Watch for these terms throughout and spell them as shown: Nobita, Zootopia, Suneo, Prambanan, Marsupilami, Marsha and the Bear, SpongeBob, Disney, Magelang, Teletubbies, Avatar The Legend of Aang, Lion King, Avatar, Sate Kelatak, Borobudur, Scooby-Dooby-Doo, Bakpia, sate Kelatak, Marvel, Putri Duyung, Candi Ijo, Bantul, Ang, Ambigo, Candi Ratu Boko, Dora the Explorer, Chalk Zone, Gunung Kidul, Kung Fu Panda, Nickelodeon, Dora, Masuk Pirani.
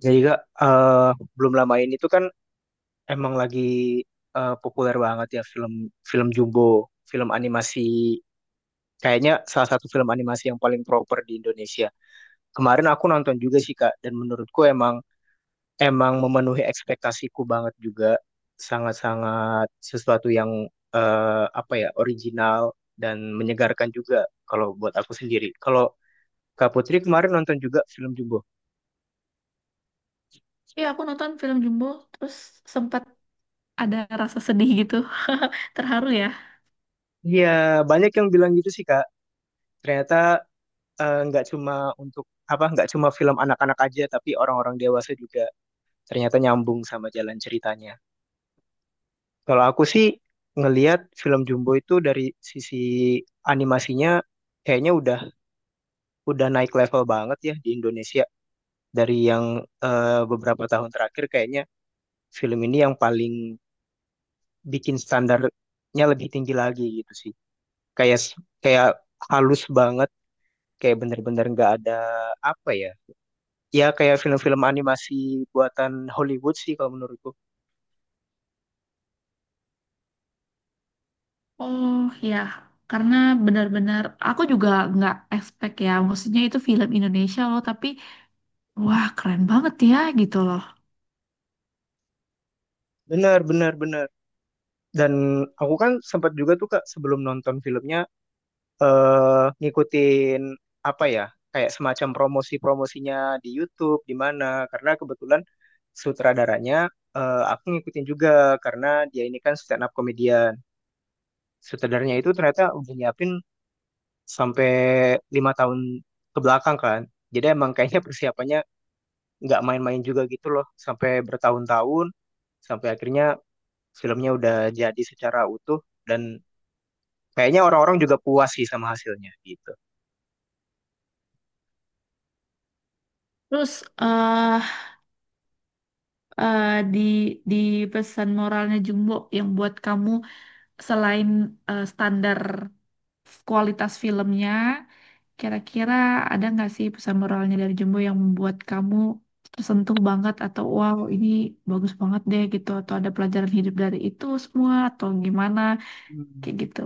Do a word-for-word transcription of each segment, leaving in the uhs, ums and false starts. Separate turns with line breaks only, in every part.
Jadi Kak, eh, belum lama ini tuh kan emang lagi eh, populer banget ya film film Jumbo, film animasi kayaknya salah satu film animasi yang paling proper di Indonesia. Kemarin aku nonton juga sih Kak dan menurutku emang emang memenuhi ekspektasiku banget juga sangat-sangat sesuatu yang eh, apa ya original dan menyegarkan juga kalau buat aku sendiri. Kalau Kak Putri kemarin nonton juga film Jumbo?
Iya, aku nonton film Jumbo, terus sempat ada rasa sedih gitu, terharu ya.
Iya, banyak yang bilang gitu sih Kak. Ternyata eh, nggak cuma untuk apa nggak cuma film anak-anak aja tapi orang-orang dewasa juga ternyata nyambung sama jalan ceritanya. Kalau aku sih ngelihat film Jumbo itu dari sisi animasinya kayaknya udah udah naik level banget ya di Indonesia dari yang eh, beberapa tahun terakhir kayaknya film ini yang paling bikin standarnya lebih tinggi lagi gitu sih. Kayak kayak halus banget kayak bener-bener nggak ada apa ya ya kayak film-film animasi buatan Hollywood sih kalau menurutku.
Oh ya, karena benar-benar aku juga nggak expect ya, maksudnya itu film Indonesia loh, tapi wah keren banget ya gitu loh.
Benar, benar, benar. Dan aku kan sempat juga tuh Kak sebelum nonton filmnya eh ngikutin apa ya? Kayak semacam promosi-promosinya di YouTube di mana karena kebetulan sutradaranya eh, aku ngikutin juga karena dia ini kan stand up comedian. Sutradaranya itu ternyata udah nyiapin sampai lima tahun ke belakang kan. Jadi emang kayaknya persiapannya nggak main-main juga gitu loh sampai bertahun-tahun sampai akhirnya filmnya udah jadi secara utuh dan kayaknya orang-orang juga puas sih sama hasilnya gitu.
Terus eh eh, di di pesan moralnya Jumbo yang buat kamu selain eh, standar kualitas filmnya, kira-kira ada nggak sih pesan moralnya dari Jumbo yang membuat kamu tersentuh banget atau wow ini bagus banget deh gitu atau ada pelajaran hidup dari itu semua atau gimana
Hmm,
kayak gitu.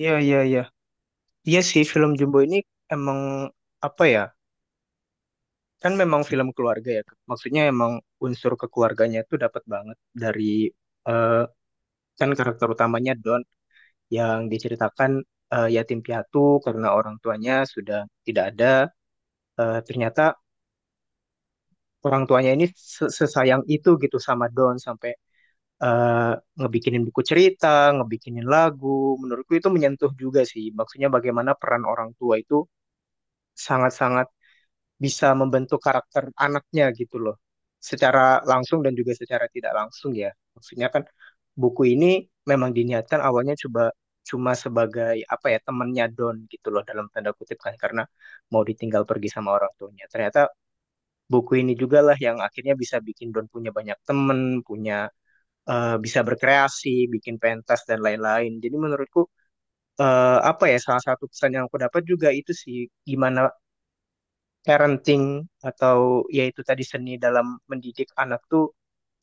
iya, iya, iya. Iya sih film Jumbo ini emang apa ya? Kan memang film keluarga ya. Maksudnya emang unsur kekeluarganya itu dapat banget dari eh, kan karakter utamanya Don yang diceritakan eh, yatim piatu karena orang tuanya sudah tidak ada. Eh, ternyata orang tuanya ini se- sesayang itu gitu sama Don sampai eh, ngebikinin buku cerita, ngebikinin lagu. Menurutku itu menyentuh juga sih. Maksudnya bagaimana peran orang tua itu sangat-sangat bisa membentuk karakter anaknya gitu loh. Secara langsung dan juga secara tidak langsung ya. Maksudnya kan buku ini memang diniatkan awalnya coba cuma sebagai apa ya temannya Don gitu loh dalam tanda kutip kan karena mau ditinggal pergi sama orang tuanya. Ternyata buku ini juga lah yang akhirnya bisa bikin Don punya banyak temen, punya eh, bisa berkreasi, bikin pentas dan lain-lain. Jadi menurutku eh, apa ya salah satu pesan yang aku dapat juga itu sih gimana parenting atau yaitu tadi seni dalam mendidik anak tuh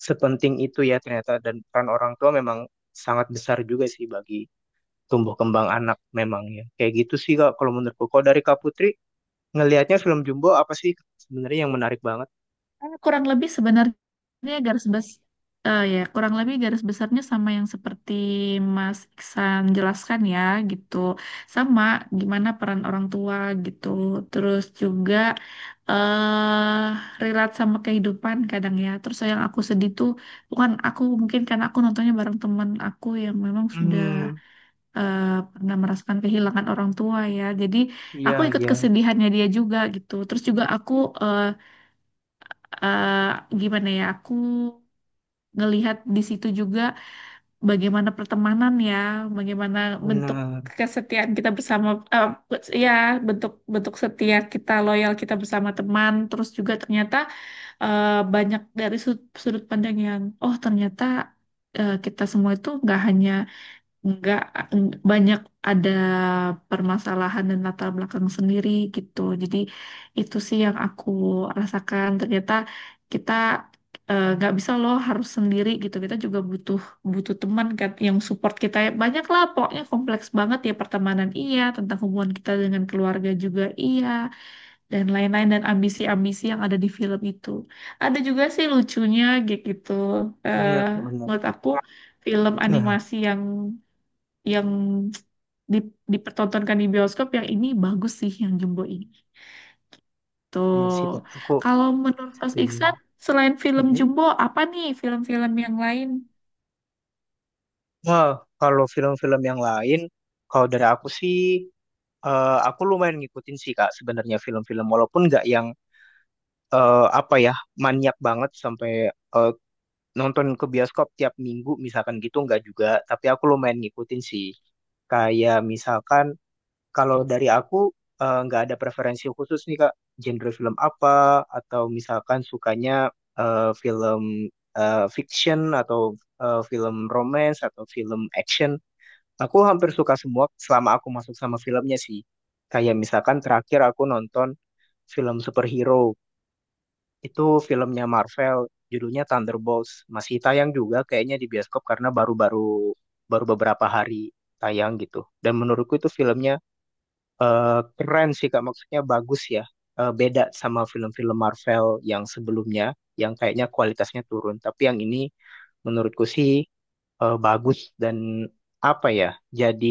sepenting itu ya ternyata dan peran orang tua memang sangat besar juga sih bagi tumbuh kembang anak memang ya. Kayak gitu sih Kak kalau menurutku. Kalau dari Kak Putri ngelihatnya film Jumbo apa sih sebenarnya yang menarik banget?
Kan kurang lebih sebenarnya Dia garis bes eh ya kurang lebih garis besarnya sama yang seperti Mas Iksan jelaskan ya gitu. Sama gimana peran orang tua gitu. Terus juga eh relate sama kehidupan kadang ya. Terus yang aku sedih tuh bukan aku mungkin karena aku nontonnya bareng teman aku yang memang sudah
Hmm,
eh, pernah merasakan kehilangan orang tua ya. Jadi
iya,
aku ikut
iya.
kesedihannya dia juga gitu. Terus juga aku eh eh, gimana ya aku ngelihat di situ juga bagaimana pertemanan ya, bagaimana bentuk
Benar,
kesetiaan kita bersama, eh, ya bentuk bentuk setia kita, loyal kita bersama teman. Terus juga ternyata eh, banyak dari sudut, sudut pandang yang, oh ternyata eh, kita semua itu nggak hanya nggak eng- banyak ada permasalahan dan latar belakang sendiri gitu. Jadi itu sih yang aku rasakan. Ternyata kita eh, nggak bisa loh harus sendiri gitu. Kita juga butuh butuh teman kan yang support kita. Banyak lah pokoknya kompleks banget ya pertemanan iya, tentang hubungan kita dengan keluarga juga iya, dan lain-lain dan ambisi-ambisi yang ada di film itu. Ada juga sih lucunya kayak gitu. Eh,
benar, benar.
menurut aku film
Nah,
animasi yang yang di, dipertontonkan di bioskop yang ini bagus sih yang Jumbo ini. Tuh.
benar sih Kak. Aku
Kalau menurut Mas
setuju.
Iksan, selain film
Mm-mm.
Jumbo, apa nih film-film yang lain?
Nah, kalau film-film yang lain, kalau dari aku sih, eh, aku lumayan ngikutin sih Kak sebenarnya film-film, walaupun nggak yang eh, apa ya maniak banget sampai eh, nonton ke bioskop tiap minggu misalkan gitu nggak juga, tapi aku lumayan ngikutin sih. Kayak misalkan Kalau dari aku eh, nggak ada preferensi khusus nih Kak, genre film apa atau misalkan sukanya eh, film eh, fiction atau eh, film romance atau film action. Aku hampir suka semua selama aku masuk sama filmnya sih. Kayak misalkan terakhir aku nonton film superhero. Itu filmnya Marvel, judulnya Thunderbolts. Masih tayang juga kayaknya di bioskop karena baru-baru baru beberapa hari tayang gitu. Dan menurutku itu filmnya eh, keren sih Kak, maksudnya bagus ya. Eh, beda sama film-film Marvel yang sebelumnya, yang kayaknya kualitasnya turun. Tapi yang ini menurutku sih eh, bagus dan apa ya, jadi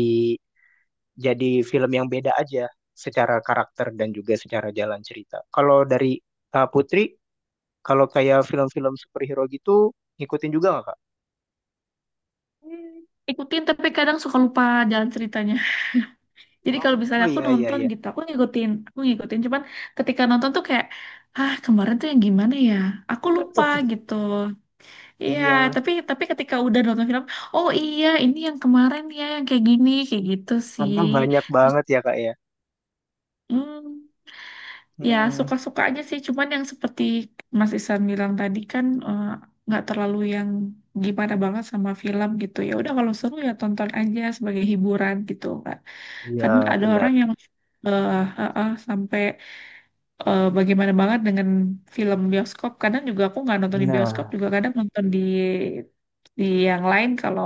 jadi film yang beda aja secara karakter dan juga secara jalan cerita. Kalau dari Kak Putri, kalau kayak film-film superhero gitu, ngikutin juga nggak Kak?
Hmm, Ikutin tapi kadang suka lupa jalan ceritanya. Jadi kalau misalnya
Oh,
aku
iya, iya,
nonton
iya.
gitu, aku ngikutin, aku ngikutin. Cuman ketika nonton tuh kayak, ah kemarin tuh yang gimana ya? Aku lupa gitu. Iya,
Iya,
tapi tapi ketika udah nonton film, oh iya ini yang kemarin ya yang kayak gini, kayak gitu sih.
karena banyak
Terus,
banget ya Kak ya.
hmm, ya,
Hmm,
suka-suka aja sih. Cuman yang seperti Mas Isan bilang tadi kan eh, nggak terlalu yang gimana banget sama film gitu. Ya udah kalau seru ya tonton aja sebagai hiburan gitu, Kak.
iya
Kan ada
benar.
orang yang eh, eh, eh, sampai eh, bagaimana banget dengan film bioskop. Kadang juga aku nggak nonton di bioskop
Nah,
juga kadang nonton di di yang lain kalau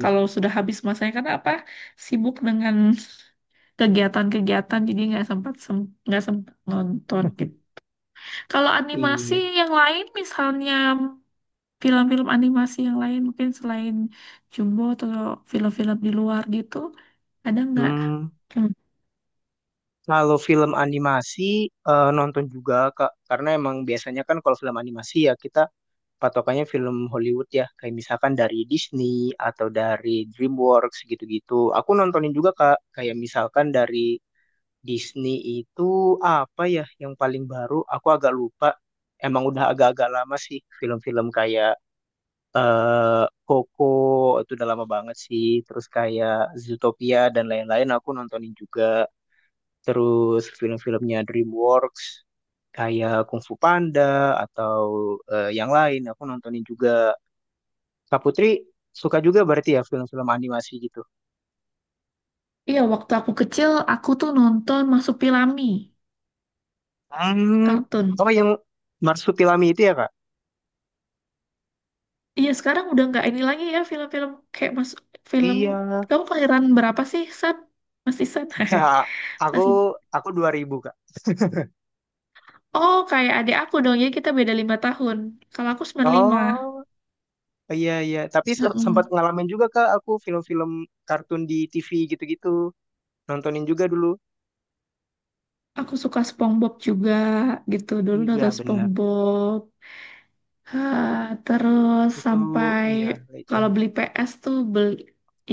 kalau sudah habis masanya karena apa? Sibuk dengan kegiatan-kegiatan jadi nggak sempat sem- nggak sempat nonton gitu. Kalau animasi
iya.
yang lain, misalnya film-film animasi yang lain, mungkin selain Jumbo atau film-film di luar gitu, ada nggak?
Hmm,
Hmm.
kalau film animasi eh, nonton juga Kak, karena emang biasanya kan kalau film animasi ya kita patokannya film Hollywood ya, kayak misalkan dari Disney atau dari DreamWorks gitu-gitu. Aku nontonin juga Kak, kayak misalkan dari Disney itu apa ya yang paling baru? Aku agak lupa. Emang udah agak-agak lama sih film-film kayak eh Coco itu udah lama banget sih. Terus kayak Zootopia dan lain-lain aku nontonin juga. Terus film-filmnya DreamWorks kayak Kung Fu Panda atau eh, yang lain aku nontonin juga. Kak Putri suka juga berarti ya film-film animasi gitu.
Iya, waktu aku kecil, aku tuh nonton Marsupilami,
Hmm,
kartun.
oh yang Marsupilami itu ya Kak?
Iya, sekarang udah nggak ini lagi ya, film-film kayak mas
Oh,
film.
iya.
Kamu kelahiran berapa sih, Sat? Masih Sat?
Nah, aku
Masih.
aku dua ribu Kak.
Oh, kayak adik aku dong, ya kita beda lima tahun. Kalau aku sembilan lima.
Oh, iya, iya. Tapi se- sempat
mm
ngalamin juga Kak aku film-film kartun di T V gitu-gitu. Nontonin juga dulu.
Aku suka SpongeBob juga gitu dulu
Iya,
nonton
benar.
SpongeBob. Ah, terus
Itu
sampai
iya legend.
kalau beli P S tuh beli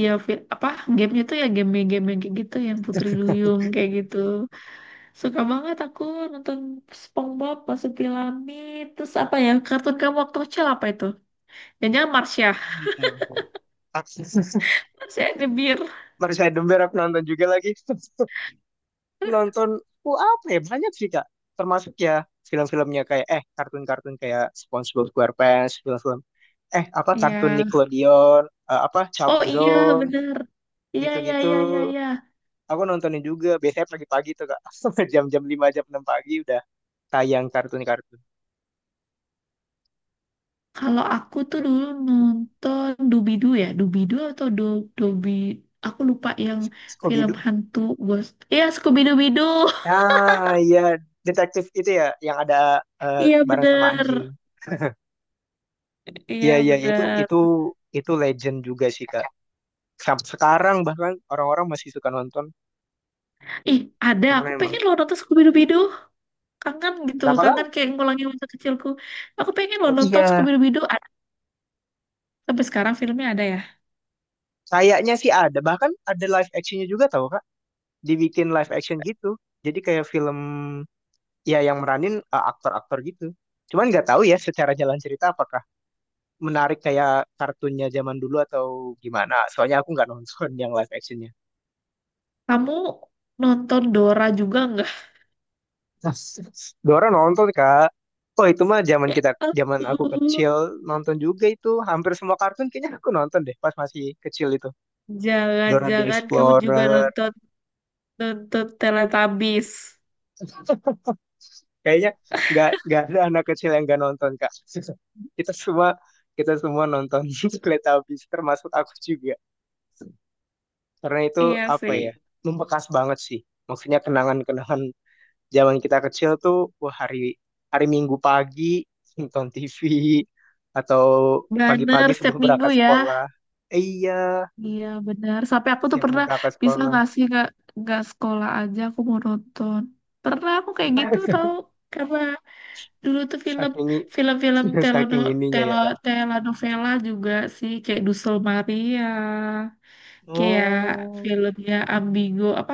ya fi- apa gamenya tuh ya game-game yang kayak gitu yang Putri Duyung kayak gitu. Suka banget aku nonton SpongeBob, Masuk Pilamid, terus apa ya kartun kamu waktu kecil apa itu? Jangan-jangan Marsha.
Hmm.
Marsha and the Bear.
Marissa Edember aku nonton juga lagi. Nonton, oh apa ya, banyak sih Kak. Termasuk ya film-filmnya kayak, eh kartun-kartun kayak SpongeBob SquarePants, film-film. Eh apa, kartun
Iya.
Nickelodeon, eh, apa, Chalk
Oh iya
Zone,
bener. Iya, iya,
gitu-gitu.
iya, iya, iya.
Aku nontonin juga, biasanya pagi-pagi tuh Kak. Sampai jam-jam lima jam enam pagi udah tayang kartun-kartun.
Kalau aku tuh dulu nonton Doobie-Doo ya, doobie atau Do Dobi, aku lupa yang film
Scooby-Doo.
hantu ghost. Iya, Scooby-Dooby-Doo.
Ah, iya. Detektif itu ya, yang ada eh,
Iya
bareng sama
bener,
anjing.
iya
Iya, iya, iya, itu
bener.
itu itu legend juga sih Kak. Sampai sekarang bahkan orang-orang masih suka nonton
Ih, ada.
karena
Aku
emang.
pengen lo nonton Scooby-Dooby-Doo. Kangen gitu.
Apakah?
Kangen kayak ngulangi masa kecilku. Aku pengen lo
Iya,
nonton Scooby-Dooby-Doo. Ada. Sampai sekarang filmnya ada ya.
kayaknya sih ada. Bahkan ada live actionnya juga tau Kak. Dibikin live action gitu. Jadi kayak film ya yang meranin eh, aktor-aktor gitu. Cuman nggak tahu ya secara jalan cerita apakah menarik kayak kartunnya zaman dulu atau gimana. Soalnya aku nggak nonton yang live actionnya.
Kamu nonton Dora juga nggak?
Dua nonton Kak. Oh itu mah zaman
Ya
kita, zaman aku
ampun.
kecil nonton juga itu. Hampir semua kartun kayaknya aku nonton deh pas masih kecil itu. Dora the
Jangan-jangan kamu juga
Explorer.
nonton nonton Teletubbies.
Kayaknya nggak nggak ada anak kecil yang nggak nonton Kak. Kita semua kita semua nonton Teletubbies termasuk aku juga. Karena itu
Iya
apa
sih.
ya? Membekas banget sih. Maksudnya kenangan-kenangan zaman kita kecil tuh wah hari hari Minggu pagi nonton T V atau
Bener,
pagi-pagi
setiap
sebelum
minggu
berangkat
ya.
sekolah. Eh, iya,
Iya bener. Sampai aku tuh
siap mau
pernah
berangkat
bisa
sekolah.
ngasih nggak nggak sekolah aja aku mau nonton. Pernah aku kayak gitu tau. Karena dulu tuh film
Saking
film-film
i-
telono,
saking ininya
telo,
ya Kak.
telenovela juga sih kayak Dusel Maria, kayak
Oh.
filmnya Ambigo apa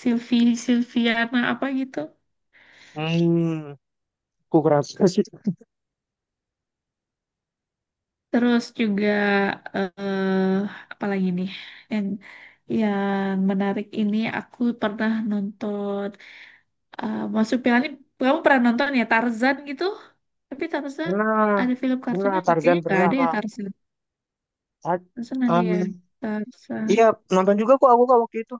Silvi Silviana apa gitu.
Hmm. Aku kerasa sih
Terus juga eh apa lagi nih yang yang menarik ini aku pernah nonton eh Masuk Pirani. Kamu pernah nonton ya Tarzan gitu? Tapi Tarzan
pernah
ada film
pernah
kartunnya nggak?
Tarzan
Kayaknya nggak
pernah
ada ya
Kak.
Tarzan.
Ah,
Tarzan ada ya
um, iya
Tarzan.
nonton juga kok aku Kak waktu itu.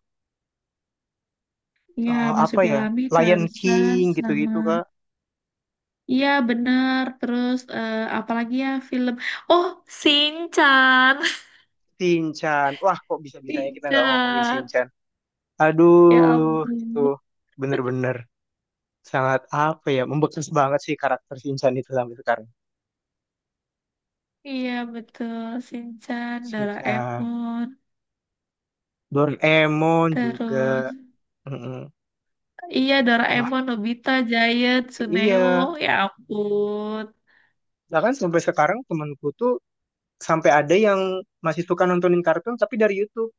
Ya
Eh,
Masuk
apa ya
Pirani,
Lion King
Tarzan
gitu-gitu
sama.
Kak.
Iya benar. Terus eh apalagi ya film? Oh Sinchan.
Shinchan. Wah kok bisa-bisanya kita nggak ngomongin
Sinchan.
Shinchan.
Ya
Aduh itu
ampun.
bener-bener sangat apa ya membekas banget sih karakter Shinchan itu sampai sekarang.
Iya betul, Shinchan,
Shinchan,
Doraemon,
Doraemon juga.
terus
Mm-mm.
iya
Nah,
Doraemon, Nobita, Giant,
iya.
Suneo, ya ampun.
Bahkan sampai sekarang temanku tuh sampai ada yang masih suka nontonin kartun tapi dari YouTube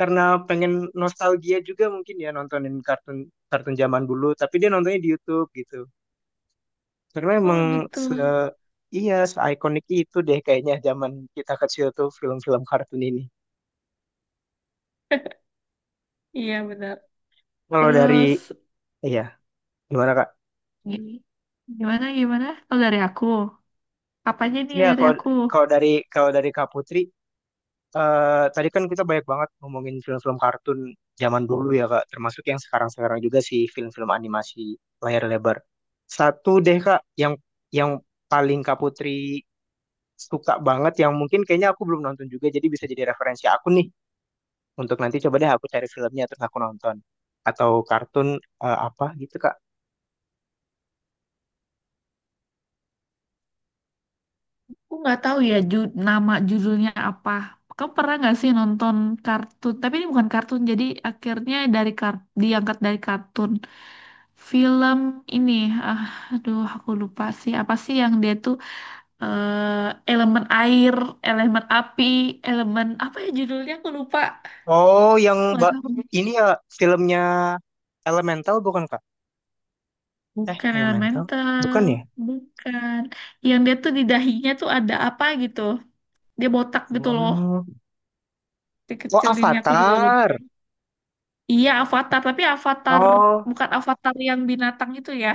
karena pengen nostalgia juga mungkin ya nontonin kartun kartun zaman dulu tapi dia nontonnya di YouTube gitu karena
Oh
emang
gitu.
se iya se ikonik itu deh kayaknya zaman kita kecil tuh film-film kartun ini
Iya benar.
kalau dari
Terus
iya gimana Kak?
gi- gimana gimana? Oh dari aku. Apanya nih
Iya,
dari
kalau
aku?
kalau dari kalau dari Kak Putri eh, tadi kan kita banyak banget ngomongin film-film kartun zaman dulu ya Kak, termasuk yang sekarang-sekarang juga sih film-film animasi layar lebar. Satu deh Kak, yang yang paling Kak Putri suka banget, yang mungkin kayaknya aku belum nonton juga, jadi bisa jadi referensi aku nih untuk nanti coba deh aku cari filmnya terus aku nonton atau kartun eh, apa gitu Kak.
Aku nggak tahu ya ju- nama judulnya apa. Kamu pernah nggak sih nonton kartun? Tapi ini bukan kartun, jadi akhirnya dari kar diangkat dari kartun. Film ini, ah, aduh aku lupa sih. Apa sih yang dia tuh eh, elemen air, elemen api, elemen apa ya judulnya aku lupa.
Oh, yang
Aku nggak
Mbak
tahu.
ini ya filmnya Elemental bukan Kak? Eh,
Bukan
Elemental?
elemental,
Bukan ya?
bukan. Yang dia tuh di dahinya tuh ada apa gitu. Dia botak gitu loh.
Hmm. Oh,
Dikecilinnya aku juga
Avatar.
lupa. Iya, Avatar, tapi Avatar
Oh,
bukan Avatar yang binatang itu ya.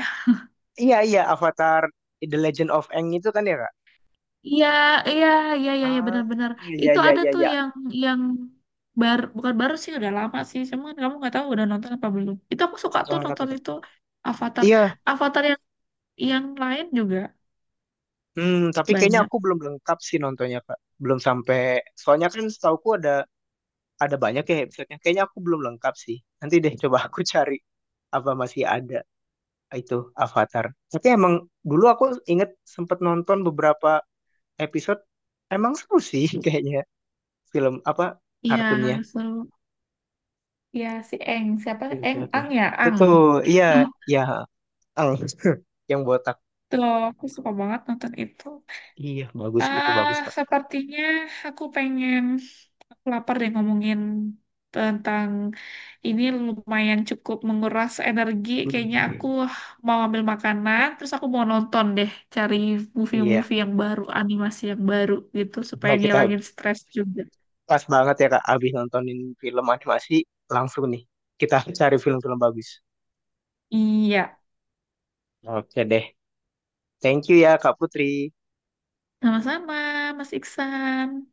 iya, iya, Avatar The Legend of Aang itu kan ya, Kak?
Iya, iya, iya, iya, iya
Ah,
benar-benar.
iya, iya,
Itu
iya,
ada
iya,
tuh
iya.
yang yang baru bukan baru sih udah lama sih. Cuman kan kamu nggak tahu udah nonton apa belum. Itu aku suka
Yang
tuh
mana tuh,
nonton
Kak?
itu Avatar.
Iya.
Avatar yang yang lain juga
Hmm, tapi kayaknya
banyak.
aku belum lengkap sih nontonnya, Kak. Belum sampai. Soalnya kan setauku ada ada banyak ya episode-nya. Kayaknya aku belum lengkap sih. Nanti deh coba aku cari apa masih ada itu Avatar. Tapi emang dulu aku inget sempet nonton beberapa episode. Emang seru sih kayaknya film apa
Iya,
kartunnya.
seru. Iya, si Eng. Siapa?
Oke, oke,
Eng,
oke.
Ang ya, Ang.
Betul, iya, iya. Al yang botak.
Tuh, aku suka banget nonton itu.
Iya, bagus itu
Ah,
bagus, Kak.
sepertinya aku pengen aku lapar deh ngomongin tentang ini lumayan cukup menguras energi. Kayaknya aku
Hmm.
mau ambil makanan, terus aku mau nonton deh, cari
Iya.
movie-movie yang baru, animasi yang baru gitu supaya
Nah, kita
ngilangin stres juga.
pas banget ya, Kak, abis nontonin film animasi langsung nih. Kita cari film-film bagus.
Iya,
Oke deh. Thank you ya, Kak Putri.
sama-sama, Mas Iksan.